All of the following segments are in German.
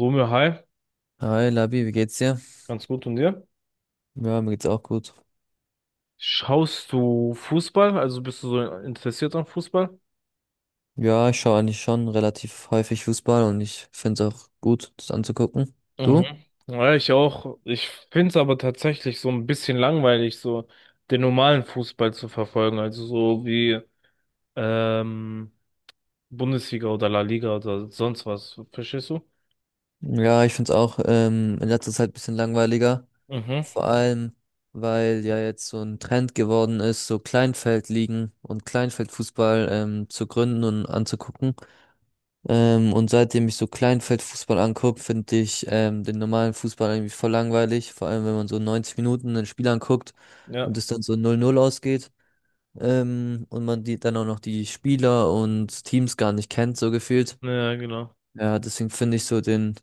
Romeo, hi, Hi Labi, wie geht's dir? ganz gut und dir? Ja, mir geht's auch gut. Schaust du Fußball? Also bist du so interessiert an Fußball? Ja, ich schaue eigentlich schon relativ häufig Fußball und ich find's auch gut, das anzugucken. Mhm. Du? Ja, ich auch. Ich finde es aber tatsächlich so ein bisschen langweilig, so den normalen Fußball zu verfolgen. Also so wie ähm, Bundesliga oder La Liga oder sonst was. Verstehst du? Ja, ich find's auch in letzter Zeit ein bisschen langweiliger. Mhm. Vor allem, weil ja jetzt so ein Trend geworden ist, so Kleinfeldligen und Kleinfeldfußball zu gründen und anzugucken. Und seitdem ich so Kleinfeldfußball anguck, finde ich den normalen Fußball irgendwie voll langweilig. Vor allem, wenn man so 90 Minuten ein Spiel anguckt Ja, und es dann so 0-0 ausgeht. Und man die dann auch noch die Spieler und Teams gar nicht kennt, so gefühlt. ja, genau. Ja, deswegen finde ich so den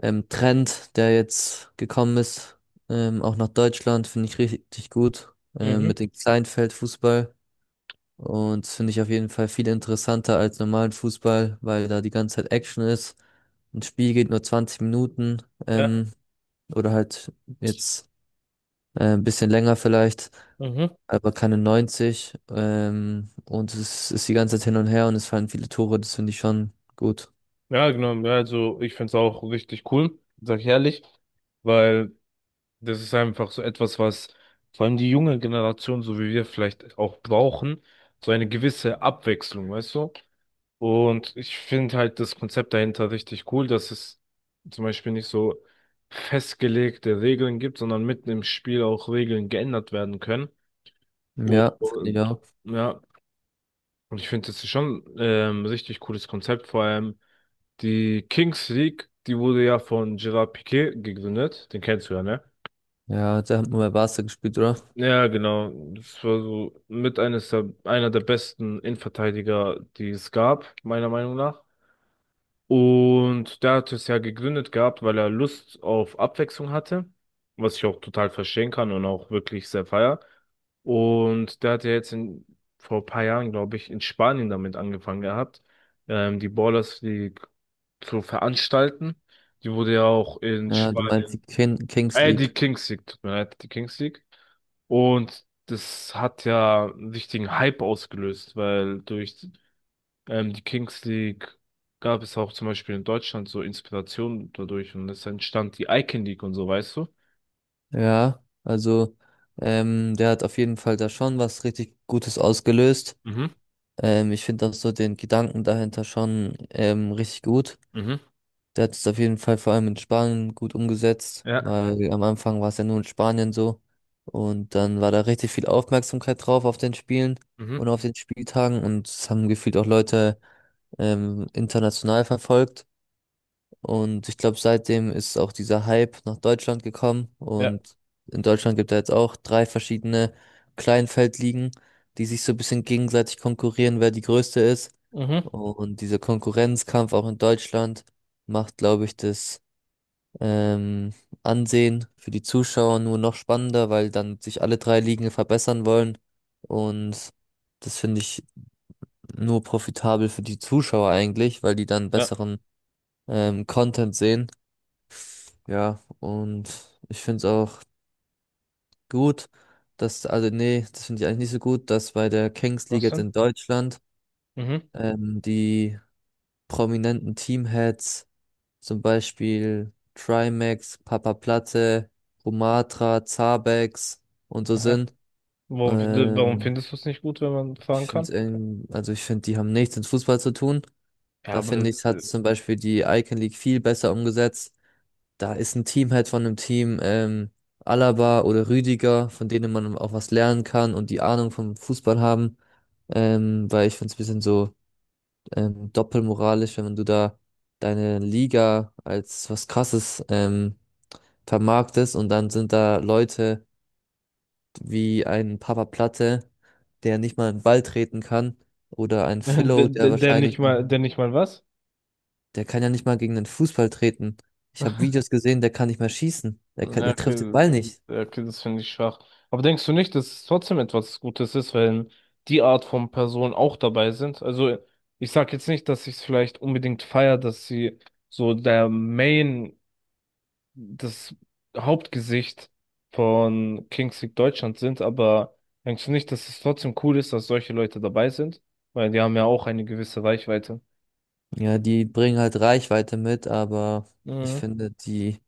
Trend, der jetzt gekommen ist, auch nach Deutschland, finde ich richtig gut, Mhm. mit dem Kleinfeldfußball. Und das finde ich auf jeden Fall viel interessanter als normalen Fußball, weil da die ganze Zeit Action ist. Ein Spiel geht nur 20 Minuten, Ja, oder halt jetzt ein bisschen länger vielleicht. mhm. Aber keine 90. Und es ist die ganze Zeit hin und her und es fallen viele Tore. Das finde ich schon gut. Ja, genau. Ja, also ich finde es auch richtig cool, sag ich ehrlich, weil. das ist einfach so etwas, was vor allem die junge Generation, so wie wir vielleicht auch brauchen, so eine gewisse Abwechslung, weißt du? Und ich finde halt das Konzept dahinter richtig cool, dass es zum Beispiel nicht so festgelegte Regeln gibt, sondern mitten im Spiel auch Regeln geändert werden können. Ja, finde ich Und auch. ja, und ich finde, das ist schon richtig cooles Konzept, vor allem die Kings League, die wurde ja von Gerard Piqué gegründet, den kennst du ja, ne? Ja, der hat nur bei Barca gespielt, oder? Ja, genau. Das war so mit einer der besten Innenverteidiger, die es gab, meiner Meinung nach. Und der hat es ja gegründet gehabt, weil er Lust auf Abwechslung hatte, was ich auch total verstehen kann und auch wirklich sehr feier. Und der hat ja vor ein paar Jahren, glaube ich, in Spanien damit angefangen gehabt, die Ballers League zu veranstalten. Die wurde ja auch in Ja, du meinst Spanien die Kings League. Tut mir leid, die Kings League. Und das hat ja einen richtigen Hype ausgelöst, weil durch die Kings League gab es auch zum Beispiel in Deutschland so Inspiration dadurch, und es entstand die Icon League und so, weißt du? Ja, also der hat auf jeden Fall da schon was richtig Gutes ausgelöst. Mhm, Ich finde auch so den Gedanken dahinter schon richtig gut. mhm, Der hat es auf jeden Fall vor allem in Spanien gut umgesetzt, ja, weil am Anfang war es ja nur in Spanien so. Und dann war da richtig viel Aufmerksamkeit drauf auf den Spielen mhm. und auf den Spieltagen. Und es haben gefühlt auch Leute international verfolgt. Und ich glaube, seitdem ist auch dieser Hype nach Deutschland gekommen. Ja. Und in Deutschland gibt es jetzt auch drei verschiedene Kleinfeldligen, die sich so ein bisschen gegenseitig konkurrieren, wer die größte ist. Mhm. Und dieser Konkurrenzkampf auch in Deutschland macht, glaube ich, das ähm, ansehen. Für die Zuschauer nur noch spannender, weil dann sich alle drei Ligen verbessern wollen. Und das finde ich nur profitabel für die Zuschauer eigentlich, weil die dann Ja. besseren Content sehen. Ja, und ich finde es auch gut, dass, also nee, das finde ich eigentlich nicht so gut, dass bei der Kings League Was jetzt denn? in Deutschland Mhm. Die prominenten Teamheads zum Beispiel Trimax, Papa Platte, Rumatra, Zabex und so Aha. sind. Warum Ähm, findest du es nicht gut, wenn man ich fahren kann? finde, also ich finde, die haben nichts mit Fußball zu tun. Ja, Da aber finde ich, hat zum Beispiel die Icon League viel besser umgesetzt. Da ist ein Teamhead von einem Team, Alaba oder Rüdiger, von denen man auch was lernen kann und die Ahnung vom Fußball haben. Weil ich finde es ein bisschen so doppelmoralisch, wenn du da deine Liga als was Krasses vermarkt es und dann sind da Leute wie ein Papa Platte, der nicht mal einen Ball treten kann, oder ein Philo, der wahrscheinlich noch, der nicht mal was? der kann ja nicht mal gegen den Fußball treten. Ich habe Videos gesehen, der kann nicht mal schießen. Der kann, Ja, der trifft den okay, Ball nicht. ja, okay, das finde ich schwach. Aber denkst du nicht, dass es trotzdem etwas Gutes ist, wenn die Art von Personen auch dabei sind? Also, ich sag jetzt nicht, dass ich es vielleicht unbedingt feier, dass sie so das Hauptgesicht von Kings League Deutschland sind, aber denkst du nicht, dass es trotzdem cool ist, dass solche Leute dabei sind? Weil die haben ja auch eine gewisse Reichweite. Ja, die bringen halt Reichweite mit, aber ich Mhm. finde, die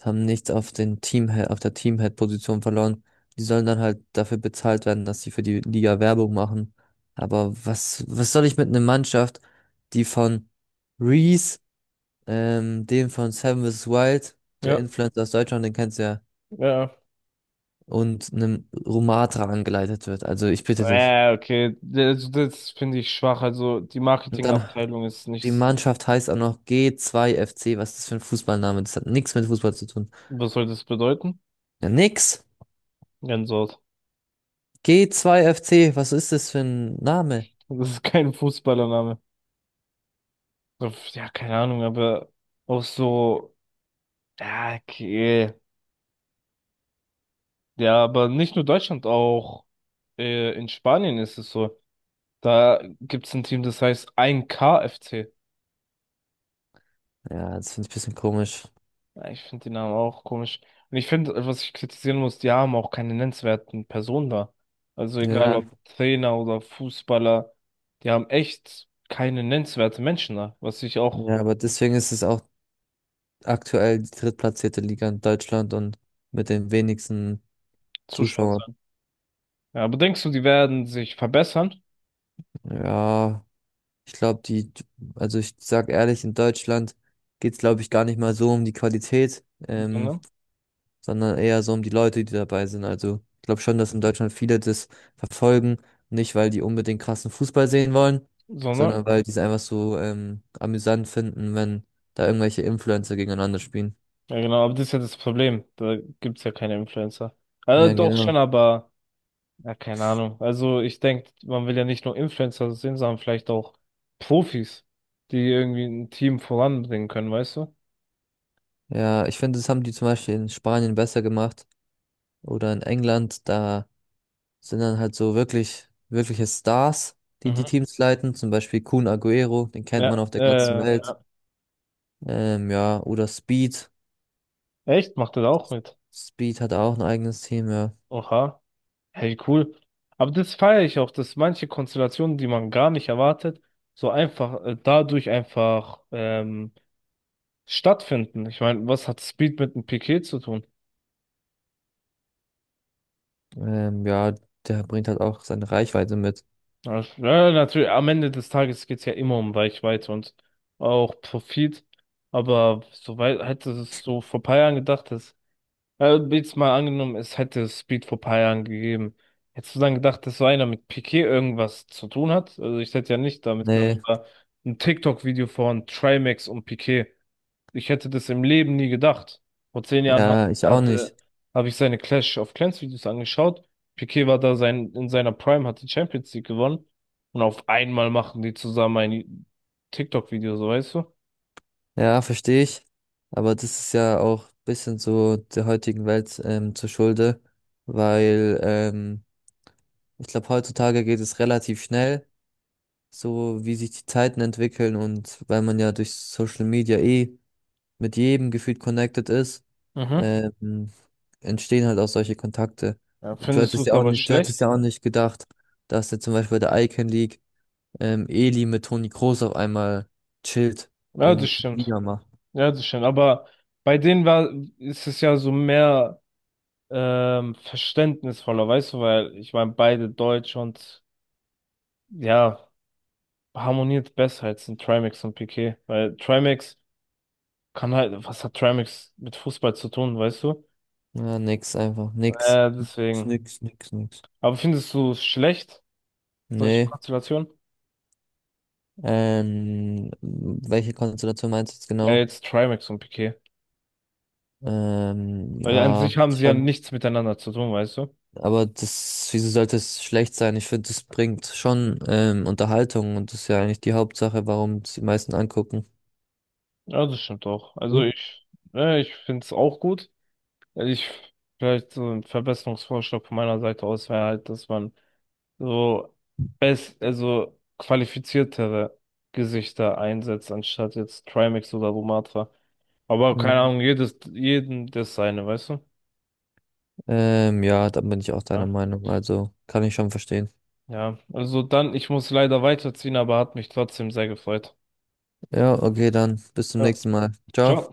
haben nichts auf den Teamhead, auf der Teamhead-Position verloren. Die sollen dann halt dafür bezahlt werden, dass sie für die Liga Werbung machen. Aber was soll ich mit einer Mannschaft, die von Reese, dem von Seven vs. Wild, der Ja, Influencer aus Deutschland, den kennst du ja, ja. und einem Rumatra angeleitet wird? Also ich bitte dich. Ja, okay, ja, das finde ich schwach. Also die Und ja, dann Marketingabteilung ist die nichts. Mannschaft heißt auch noch G2FC. Was ist das für ein Fußballname? Das hat nichts mit Fußball zu tun. Was soll das bedeuten? Ja, nix. Gänsehaut. G2FC, was ist das für ein Name? Das ist kein Fußballername. Ja, keine Ahnung, aber auch so. Ja, okay. Ja, aber nicht nur Deutschland, auch in Spanien ist es so. Da gibt es ein Team, das heißt 1 KFC. Ja, das finde ich ein bisschen komisch. Ja, ich finde die Namen auch komisch. Und ich finde, was ich kritisieren muss, die haben auch keine nennenswerten Personen da. Also egal, mhm, Ja, ob Trainer oder Fußballer, die haben echt keine nennenswerten Menschen da, was ich auch ja, aber deswegen ist es auch aktuell die drittplatzierte Liga in Deutschland und mit den wenigsten zuschaut Zuschauern. sein. Ja, aber denkst du, die werden sich verbessern? Ja, ich glaube, also ich sag ehrlich, in Deutschland geht's glaube ich, gar nicht mal so um die Qualität. Ähm, Sondern, sondern eher so um die Leute, die dabei sind. Also ich glaube schon, dass in Deutschland viele das verfolgen, nicht weil die unbedingt krassen Fußball sehen wollen, sondern, sondern weil die es einfach so amüsant finden, wenn da irgendwelche Influencer gegeneinander spielen. ja genau, aber das ist ja das Problem. Da gibt's ja keine Influencer. Ja, mhm, doch schon, genau. aber. Ja, keine Ahnung. Also ich denke, man will ja nicht nur Influencer sehen, sondern vielleicht auch Profis, die irgendwie ein Team voranbringen können, weißt du? Ja, ich finde, das haben die zum Beispiel in Spanien besser gemacht oder in England. Da sind dann halt so wirkliche Stars, die die Mhm. Teams leiten. Zum Beispiel Kun Agüero, den kennt man Ja, auf der ganzen Welt. Ja, oder Speed. echt, macht das auch mit. Speed hat auch ein eigenes Team, ja. Oha, hey, cool. Aber das feiere ich auch, dass manche Konstellationen, die man gar nicht erwartet, so einfach, dadurch einfach stattfinden. Ich meine, was hat Speed mit einem Piquet zu tun? Ja, der bringt halt auch seine Reichweite mit. Ja, ja, natürlich, am Ende des Tages geht's ja immer um Reichweite und auch Profit. Aber soweit hätte es so vor paar Jahren gedacht, jetzt mal angenommen, es hätte Speed vor paar Jahren gegeben. Hättest du dann gedacht, dass so einer mit Piqué irgendwas zu tun hat? Also ich hätte ja nicht damit gedacht, Nee, es war ein TikTok-Video von Trimax und Piqué, ich hätte das im Leben nie gedacht. Vor 10 Jahren ja, ich auch nicht. Habe ich seine Clash of Clans Videos angeschaut. Piqué war in seiner Prime, hat die Champions League gewonnen. Und auf einmal machen die zusammen ein TikTok-Video, so weißt du? Ja, verstehe ich. Aber das ist ja auch ein bisschen so der heutigen Welt zur Schulde, weil ich glaube, heutzutage geht es relativ schnell, so wie sich die Zeiten entwickeln und weil man ja durch Social Media eh mit jedem gefühlt connected ist, Mhm. ähm, entstehen halt auch solche Kontakte. Ja, Du findest du hattest es ja auch aber nicht, du hattest schlecht? ja auch nicht gedacht, dass jetzt zum Beispiel bei der Icon League Eli mit Toni Kroos auf einmal chillt Ja, das und stimmt. Liga macht. Ja, das stimmt. Aber bei denen war, ist es ja so mehr verständnisvoller, weißt du, weil ich meine, beide Deutsch und ja, harmoniert besser als in Trimax und Piqué. Weil Trimax kann halt, was hat Tramix mit Fußball zu tun, weißt du? Ja, nix, einfach nix. Ist Deswegen. nix, nix, nix. Aber findest du es schlecht, solche Nee. Konstellationen? Welche Konstellation meinst du jetzt Ja, genau? jetzt Trimax und Piqué, Ähm, weil an ja, sich haben sie ja schon, nichts miteinander zu tun, weißt du? aber das, wieso sollte es schlecht sein? Ich finde, das bringt schon Unterhaltung und das ist ja eigentlich die Hauptsache, warum es die meisten angucken. Ja, das stimmt auch. Du? Ich finde es auch gut. Ich, vielleicht so ein Verbesserungsvorschlag von meiner Seite aus wäre halt, dass man so also qualifiziertere Gesichter einsetzt, anstatt jetzt Trimax oder Lumatra. Aber keine Mhm. Ahnung, jeden das seine, weißt du? Ja, da bin ich auch deiner Ja. Meinung, also kann ich schon verstehen. Ja, also dann, ich muss leider weiterziehen, aber hat mich trotzdem sehr gefreut. Ja, okay, dann bis zum Ja. nächsten Mal. Ciao. Ciao.